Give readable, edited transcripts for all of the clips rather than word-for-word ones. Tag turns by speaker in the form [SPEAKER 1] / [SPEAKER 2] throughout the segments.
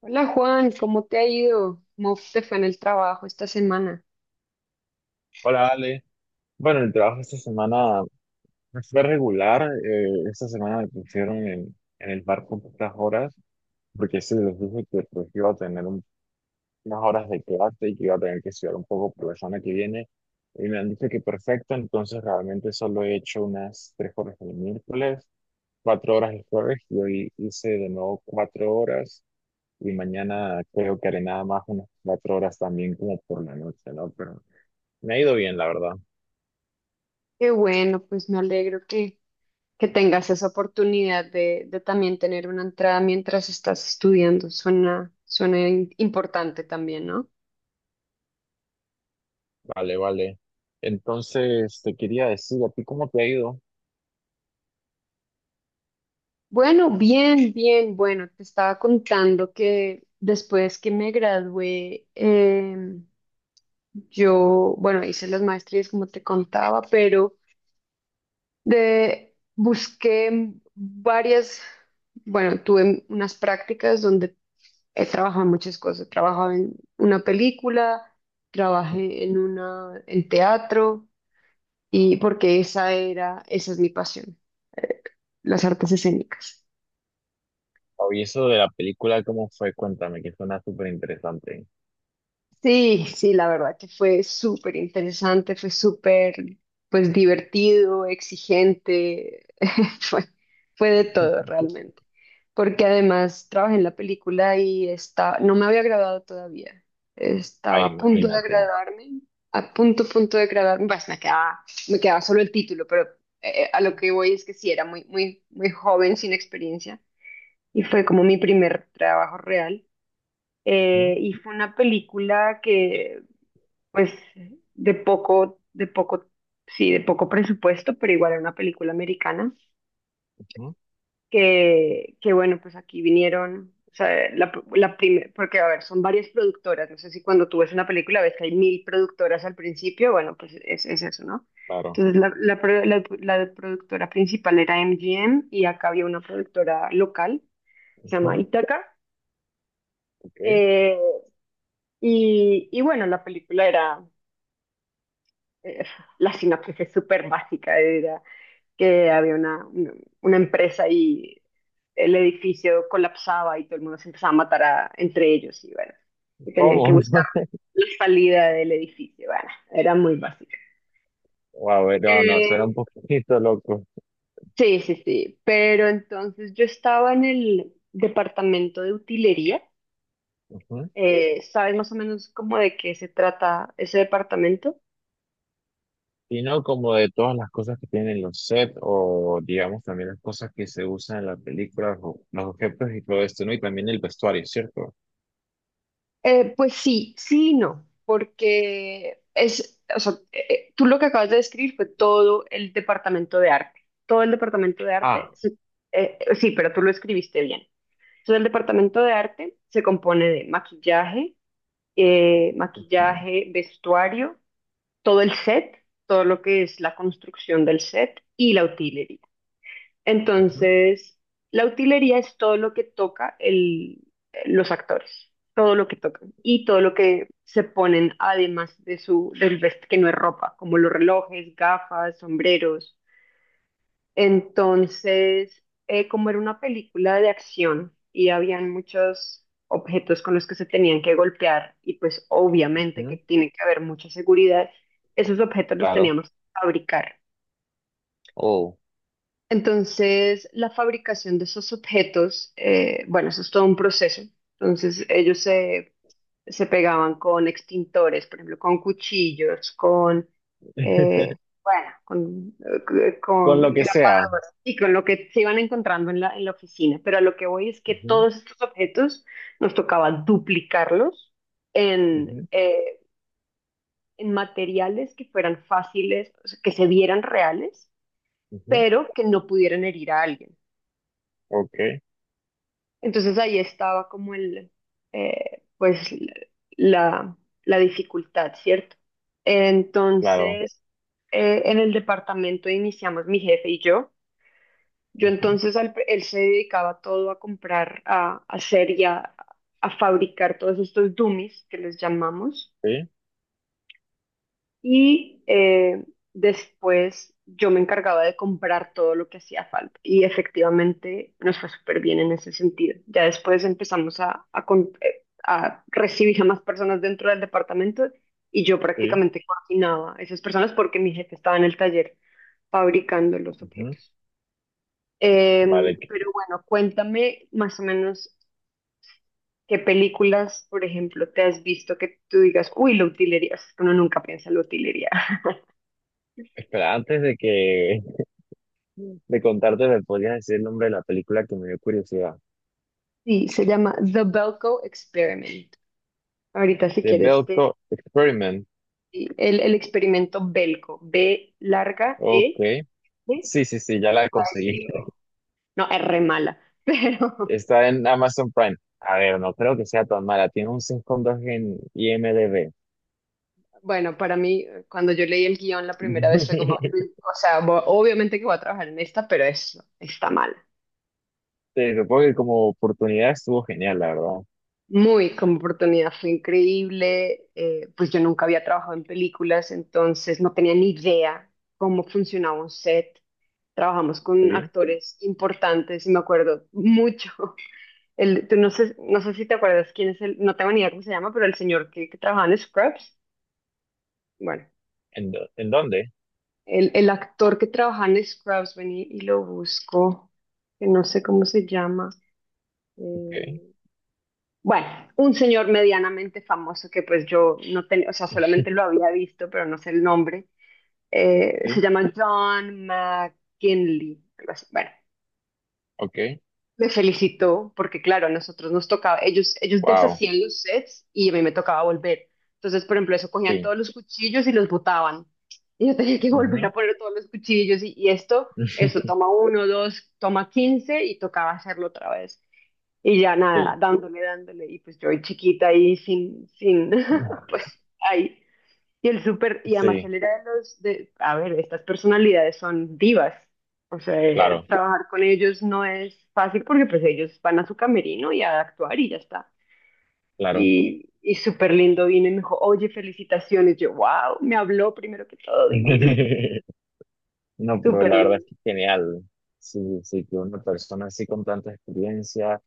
[SPEAKER 1] Hola Juan, ¿cómo te ha ido? ¿Cómo te fue en el trabajo esta semana?
[SPEAKER 2] Hola Ale. Bueno, el trabajo esta semana fue regular. Esta semana me pusieron en el bar con pocas horas, porque sí les dije que pues, iba a tener unas horas de clase y que iba a tener que estudiar un poco por la semana que viene. Y me han dicho que perfecto, entonces realmente solo he hecho unas 3 horas el miércoles, 4 horas el jueves, y hoy hice de nuevo 4 horas. Y mañana creo que haré nada más unas 4 horas también como por la noche, ¿no? Pero me ha ido bien, la verdad.
[SPEAKER 1] Qué bueno, pues me alegro que tengas esa oportunidad de también tener una entrada mientras estás estudiando. Suena importante también, ¿no?
[SPEAKER 2] Vale, vale. Entonces, te quería decir, ¿a ti cómo te ha ido?
[SPEAKER 1] Bueno, bien, bien, bueno, te estaba contando que después que me gradué, yo, bueno, hice las maestrías como te contaba, pero... De, busqué varias, bueno, tuve unas prácticas donde he trabajado en muchas cosas. He trabajado en una película, trabajé en teatro, y porque esa era, esa es mi pasión, las artes escénicas.
[SPEAKER 2] Oye, eso de la película, ¿cómo fue? Cuéntame, que suena súper interesante.
[SPEAKER 1] Sí, sí, la verdad que fue súper interesante, fue súper, pues, divertido, exigente, fue, fue de todo realmente, porque además trabajé en la película y está, no me había graduado todavía, estaba
[SPEAKER 2] Ay,
[SPEAKER 1] a punto de
[SPEAKER 2] imagínate.
[SPEAKER 1] graduarme, a punto, punto de graduarme, pues me quedaba solo el título, pero a lo que voy es que sí, era muy, muy, muy joven, sin experiencia, y fue como mi primer trabajo real.
[SPEAKER 2] Ujú,
[SPEAKER 1] Y fue una película que pues de poco, sí, de poco presupuesto, pero igual era una película americana,
[SPEAKER 2] ujú.
[SPEAKER 1] que bueno, pues aquí vinieron, o sea, la primera, porque a ver, son varias productoras, no sé si cuando tú ves una película ves que hay mil productoras al principio, bueno, pues es eso, ¿no?
[SPEAKER 2] Claro.
[SPEAKER 1] Entonces la productora principal era MGM y acá había una productora local, se llama
[SPEAKER 2] Ujú,
[SPEAKER 1] Itaca,
[SPEAKER 2] ok.
[SPEAKER 1] eh, y bueno, la película era, eh, la sinopsis es súper básica, era que había una empresa y el edificio colapsaba y todo el mundo se empezaba a matar entre ellos y bueno, y tenían que
[SPEAKER 2] ¿Cómo?
[SPEAKER 1] buscar la salida del edificio, bueno, era muy básico.
[SPEAKER 2] A ver, no, no, suena un
[SPEAKER 1] Eh,
[SPEAKER 2] poquito loco.
[SPEAKER 1] sí, sí, sí, pero entonces yo estaba en el departamento de utilería,
[SPEAKER 2] Ujú.
[SPEAKER 1] ¿sabes más o menos cómo de qué se trata ese departamento?
[SPEAKER 2] Y no como de todas las cosas que tienen los sets o, digamos, también las cosas que se usan en la película, o los objetos y todo esto, ¿no? Y también el vestuario, ¿cierto?
[SPEAKER 1] Pues sí, sí y no, porque es, o sea, tú lo que acabas de describir fue todo el departamento de arte. Todo el departamento de arte,
[SPEAKER 2] Ah.
[SPEAKER 1] sí, pero tú lo escribiste bien. Entonces, el departamento de arte se compone de maquillaje,
[SPEAKER 2] Ujú,
[SPEAKER 1] maquillaje, vestuario, todo el set, todo lo que es la construcción del set y la utilería.
[SPEAKER 2] ujú,
[SPEAKER 1] Entonces, la utilería es todo lo que toca los actores, todo lo que tocan y todo lo que se ponen además de su del vest que no es ropa, como los relojes, gafas, sombreros. Entonces, como era una película de acción y habían muchos objetos con los que se tenían que golpear y pues obviamente que
[SPEAKER 2] ujú.
[SPEAKER 1] tiene que haber mucha seguridad, esos objetos los
[SPEAKER 2] Claro.
[SPEAKER 1] teníamos que fabricar.
[SPEAKER 2] Oh.
[SPEAKER 1] Entonces, la fabricación de esos objetos, bueno, eso es todo un proceso. Entonces, se pegaban con extintores, por ejemplo, con cuchillos, con, eh, bueno,
[SPEAKER 2] Con lo
[SPEAKER 1] con,
[SPEAKER 2] que sea.
[SPEAKER 1] y con lo que se iban encontrando en en la oficina. Pero a lo que voy es que
[SPEAKER 2] Ujú,
[SPEAKER 1] todos estos objetos nos tocaba duplicarlos en,
[SPEAKER 2] ujú,
[SPEAKER 1] eh, en materiales que fueran fáciles, o sea, que se vieran reales,
[SPEAKER 2] ujú.
[SPEAKER 1] pero que no pudieran herir a alguien.
[SPEAKER 2] Ok,
[SPEAKER 1] Entonces ahí estaba como el, pues la, la dificultad, ¿cierto?
[SPEAKER 2] claro.
[SPEAKER 1] Entonces, en el departamento iniciamos mi jefe y yo. Yo
[SPEAKER 2] Ujú.
[SPEAKER 1] entonces, él se dedicaba todo a comprar, a hacer y a fabricar todos estos dummies que les llamamos.
[SPEAKER 2] Sí,
[SPEAKER 1] Y después yo me encargaba de comprar todo lo que hacía falta. Y efectivamente nos fue súper bien en ese sentido. Ya después empezamos a recibir a más personas dentro del departamento y yo
[SPEAKER 2] sí.
[SPEAKER 1] prácticamente coordinaba a esas personas porque mi jefe estaba en el taller fabricando los
[SPEAKER 2] Ujú.
[SPEAKER 1] objetos.
[SPEAKER 2] Vale,
[SPEAKER 1] Pero bueno, cuéntame más o menos qué películas, por ejemplo, te has visto que tú digas, uy, la utilería, es que uno nunca piensa en la utilería.
[SPEAKER 2] espera, antes de que de contarte, ¿me podrías decir el nombre de la película que me dio curiosidad?
[SPEAKER 1] Sí, se llama The Belko Experiment. Ahorita si
[SPEAKER 2] The
[SPEAKER 1] quieres,
[SPEAKER 2] Belko Experiment.
[SPEAKER 1] el experimento Belko, B larga,
[SPEAKER 2] Ok.
[SPEAKER 1] E, E,
[SPEAKER 2] Sí, sí, sí, ya la conseguí.
[SPEAKER 1] no, R mala. Pero
[SPEAKER 2] Está en Amazon Prime. A ver, no creo que sea tan mala. Tiene un 5,2 en IMDb.
[SPEAKER 1] bueno, para mí, cuando yo leí el guión la primera vez fue como, o sea, obviamente que voy a trabajar en esta, pero es está mal.
[SPEAKER 2] Te supongo que como oportunidad estuvo genial, la verdad.
[SPEAKER 1] Muy, como oportunidad fue increíble. Pues yo nunca había trabajado en películas, entonces no tenía ni idea cómo funcionaba un set. Trabajamos con
[SPEAKER 2] Sí.
[SPEAKER 1] actores importantes y me acuerdo mucho. El, tú no sé, no sé si te acuerdas quién es el, no tengo ni idea cómo se llama, pero el señor que trabajaba en Scrubs. Bueno,
[SPEAKER 2] ¿En, en dónde?
[SPEAKER 1] el actor que trabajaba en Scrubs, vení y lo busco, que no sé cómo se llama.
[SPEAKER 2] Ok.
[SPEAKER 1] eh, Bueno, un señor medianamente famoso que pues yo no tenía, o sea, solamente lo había visto, pero no sé el nombre. Se
[SPEAKER 2] Sí,
[SPEAKER 1] llama John McKinley, algo así. Bueno,
[SPEAKER 2] ok.
[SPEAKER 1] me felicitó porque claro, a nosotros nos tocaba, ellos
[SPEAKER 2] Wow.
[SPEAKER 1] deshacían los sets y a mí me tocaba volver. Entonces, por ejemplo, eso cogían
[SPEAKER 2] Sí.
[SPEAKER 1] todos los cuchillos y los botaban. Y yo tenía que volver
[SPEAKER 2] Ujú.
[SPEAKER 1] a poner todos los cuchillos y esto, eso toma uno, dos, toma quince y tocaba hacerlo otra vez. Y ya nada,
[SPEAKER 2] Sí.
[SPEAKER 1] dándole, dándole. Y pues yo ahí chiquita ahí sin, sin,
[SPEAKER 2] No.
[SPEAKER 1] pues ahí. Y el súper, y además
[SPEAKER 2] Sí,
[SPEAKER 1] él era de los, de, a ver, estas personalidades son divas. O sea,
[SPEAKER 2] claro,
[SPEAKER 1] trabajar con ellos no es fácil porque pues ellos van a su camerino y a actuar y ya está.
[SPEAKER 2] claro.
[SPEAKER 1] Y súper lindo vino y me dijo, oye, felicitaciones. Yo, wow, me habló primero que todo divino.
[SPEAKER 2] No, pero
[SPEAKER 1] Súper
[SPEAKER 2] la verdad es
[SPEAKER 1] lindo.
[SPEAKER 2] que es genial. Sí, sí, que una persona así con tanta experiencia,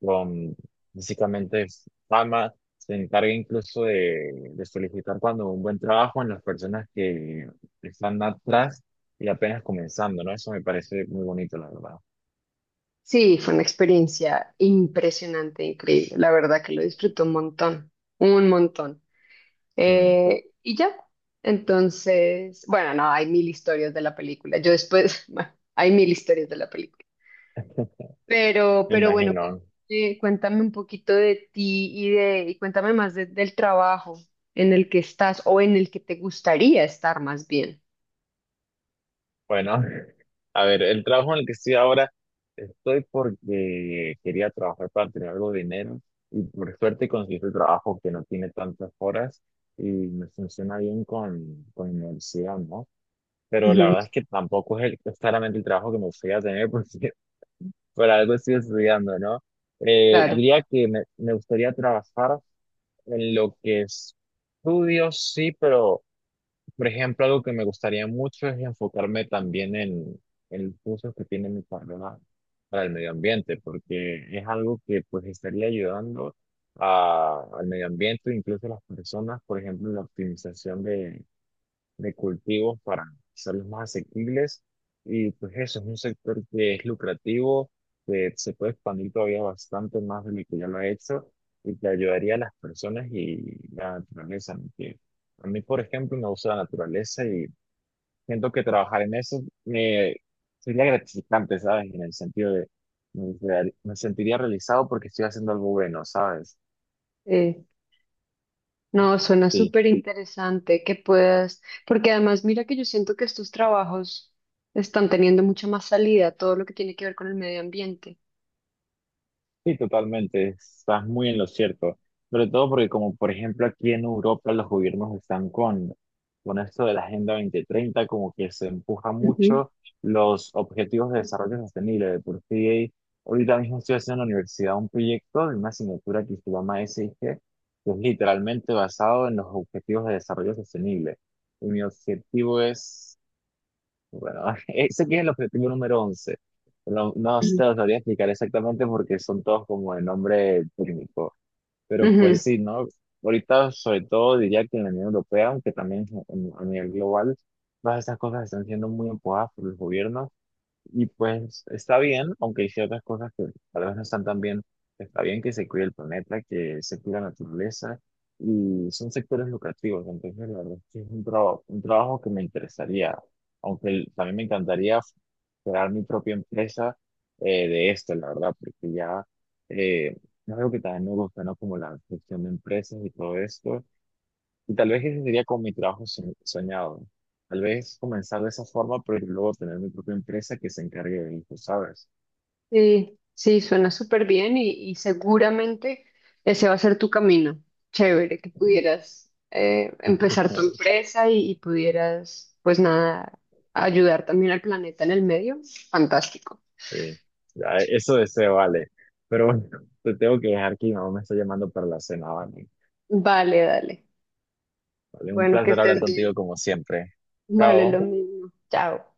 [SPEAKER 2] con básicamente fama, se encargue incluso de solicitar cuando un buen trabajo en las personas que están atrás y apenas comenzando, ¿no? Eso me parece muy bonito, la verdad.
[SPEAKER 1] Sí, fue una experiencia impresionante, increíble. La verdad que lo disfruto un montón, un montón.
[SPEAKER 2] Mm,
[SPEAKER 1] Y ya, entonces, bueno, no, hay mil historias de la película. Yo después, bueno, hay mil historias de la película.
[SPEAKER 2] me
[SPEAKER 1] Pero bueno,
[SPEAKER 2] imagino.
[SPEAKER 1] cuéntame un poquito de ti y cuéntame más del trabajo en el que estás o en el que te gustaría estar más bien.
[SPEAKER 2] Bueno, a ver, el trabajo en el que estoy ahora, estoy porque quería trabajar para tener algo de dinero y por suerte conseguí este trabajo que no tiene tantas horas y me funciona bien con mi universidad, ¿no? Pero la
[SPEAKER 1] Ujú,
[SPEAKER 2] verdad es que tampoco es claramente el trabajo que me gustaría tener porque por algo estoy estudiando, ¿no?
[SPEAKER 1] claro.
[SPEAKER 2] Diría que me gustaría trabajar en lo que estudio, sí, pero... Por ejemplo, algo que me gustaría mucho es enfocarme también en los usos que tiene mi carrera para el medio ambiente, porque es algo que pues estaría ayudando al medio ambiente, incluso a las personas, por ejemplo, en la optimización de cultivos para hacerlos más asequibles. Y pues eso es un sector que es lucrativo, que se puede expandir todavía bastante más de lo que ya lo ha hecho y que ayudaría a las personas y la naturaleza, ¿no? Que a mí, por ejemplo, me gusta la naturaleza y siento que trabajar en eso me sería gratificante, ¿sabes? En el sentido de me, me sentiría realizado porque estoy haciendo algo bueno, ¿sabes?
[SPEAKER 1] Eh, no, suena
[SPEAKER 2] Sí.
[SPEAKER 1] súper interesante que puedas, porque además mira que yo siento que estos trabajos están teniendo mucha más salida, todo lo que tiene que ver con el medio ambiente.
[SPEAKER 2] Sí, totalmente, estás muy en lo cierto. Sobre todo porque como por ejemplo aquí en Europa los gobiernos están con esto de la Agenda 2030, como que se empuja mucho los objetivos de desarrollo sostenible. De por sí, ahorita mismo estoy haciendo en la universidad un proyecto de una asignatura que se llama SIG, que es literalmente basado en los objetivos de desarrollo sostenible. Y mi objetivo es bueno, ese que es el objetivo número 11. No, no
[SPEAKER 1] Ujú.
[SPEAKER 2] te lo sabría explicar exactamente porque son todos como de nombre técnico. Pero
[SPEAKER 1] Ujú.
[SPEAKER 2] pues sí, ¿no? Ahorita, sobre todo, diría que en la Unión Europea, aunque también a nivel global, todas estas cosas están siendo muy empujadas por los gobiernos y pues está bien, aunque hay ciertas cosas que tal vez no están tan bien, está bien que se cuide el planeta, que se cuide la naturaleza y son sectores lucrativos, entonces la verdad es que es un trabajo que me interesaría, aunque también me encantaría crear mi propia empresa de esto, la verdad, porque ya eh, es algo que también me gusta, ¿no? Como la gestión de empresas y todo esto. Y tal vez ese sería como mi trabajo soñado. Tal vez comenzar de esa forma, pero luego tener mi propia empresa que se encargue de eso, ¿sabes?
[SPEAKER 1] Sí, sí, suena súper bien y seguramente ese va a ser tu camino. Chévere que pudieras empezar tu empresa y pudieras, pues nada, ayudar también al planeta en el medio. Fantástico.
[SPEAKER 2] Sí. Ya, eso deseo, vale. Pero bueno, te tengo que dejar que mi mamá me está llamando para la cena, ¿vale?
[SPEAKER 1] Vale, dale.
[SPEAKER 2] Vale, un
[SPEAKER 1] Bueno, que
[SPEAKER 2] placer hablar
[SPEAKER 1] estés
[SPEAKER 2] contigo
[SPEAKER 1] bien.
[SPEAKER 2] como siempre.
[SPEAKER 1] Vale, lo
[SPEAKER 2] Chao.
[SPEAKER 1] mismo. Chao.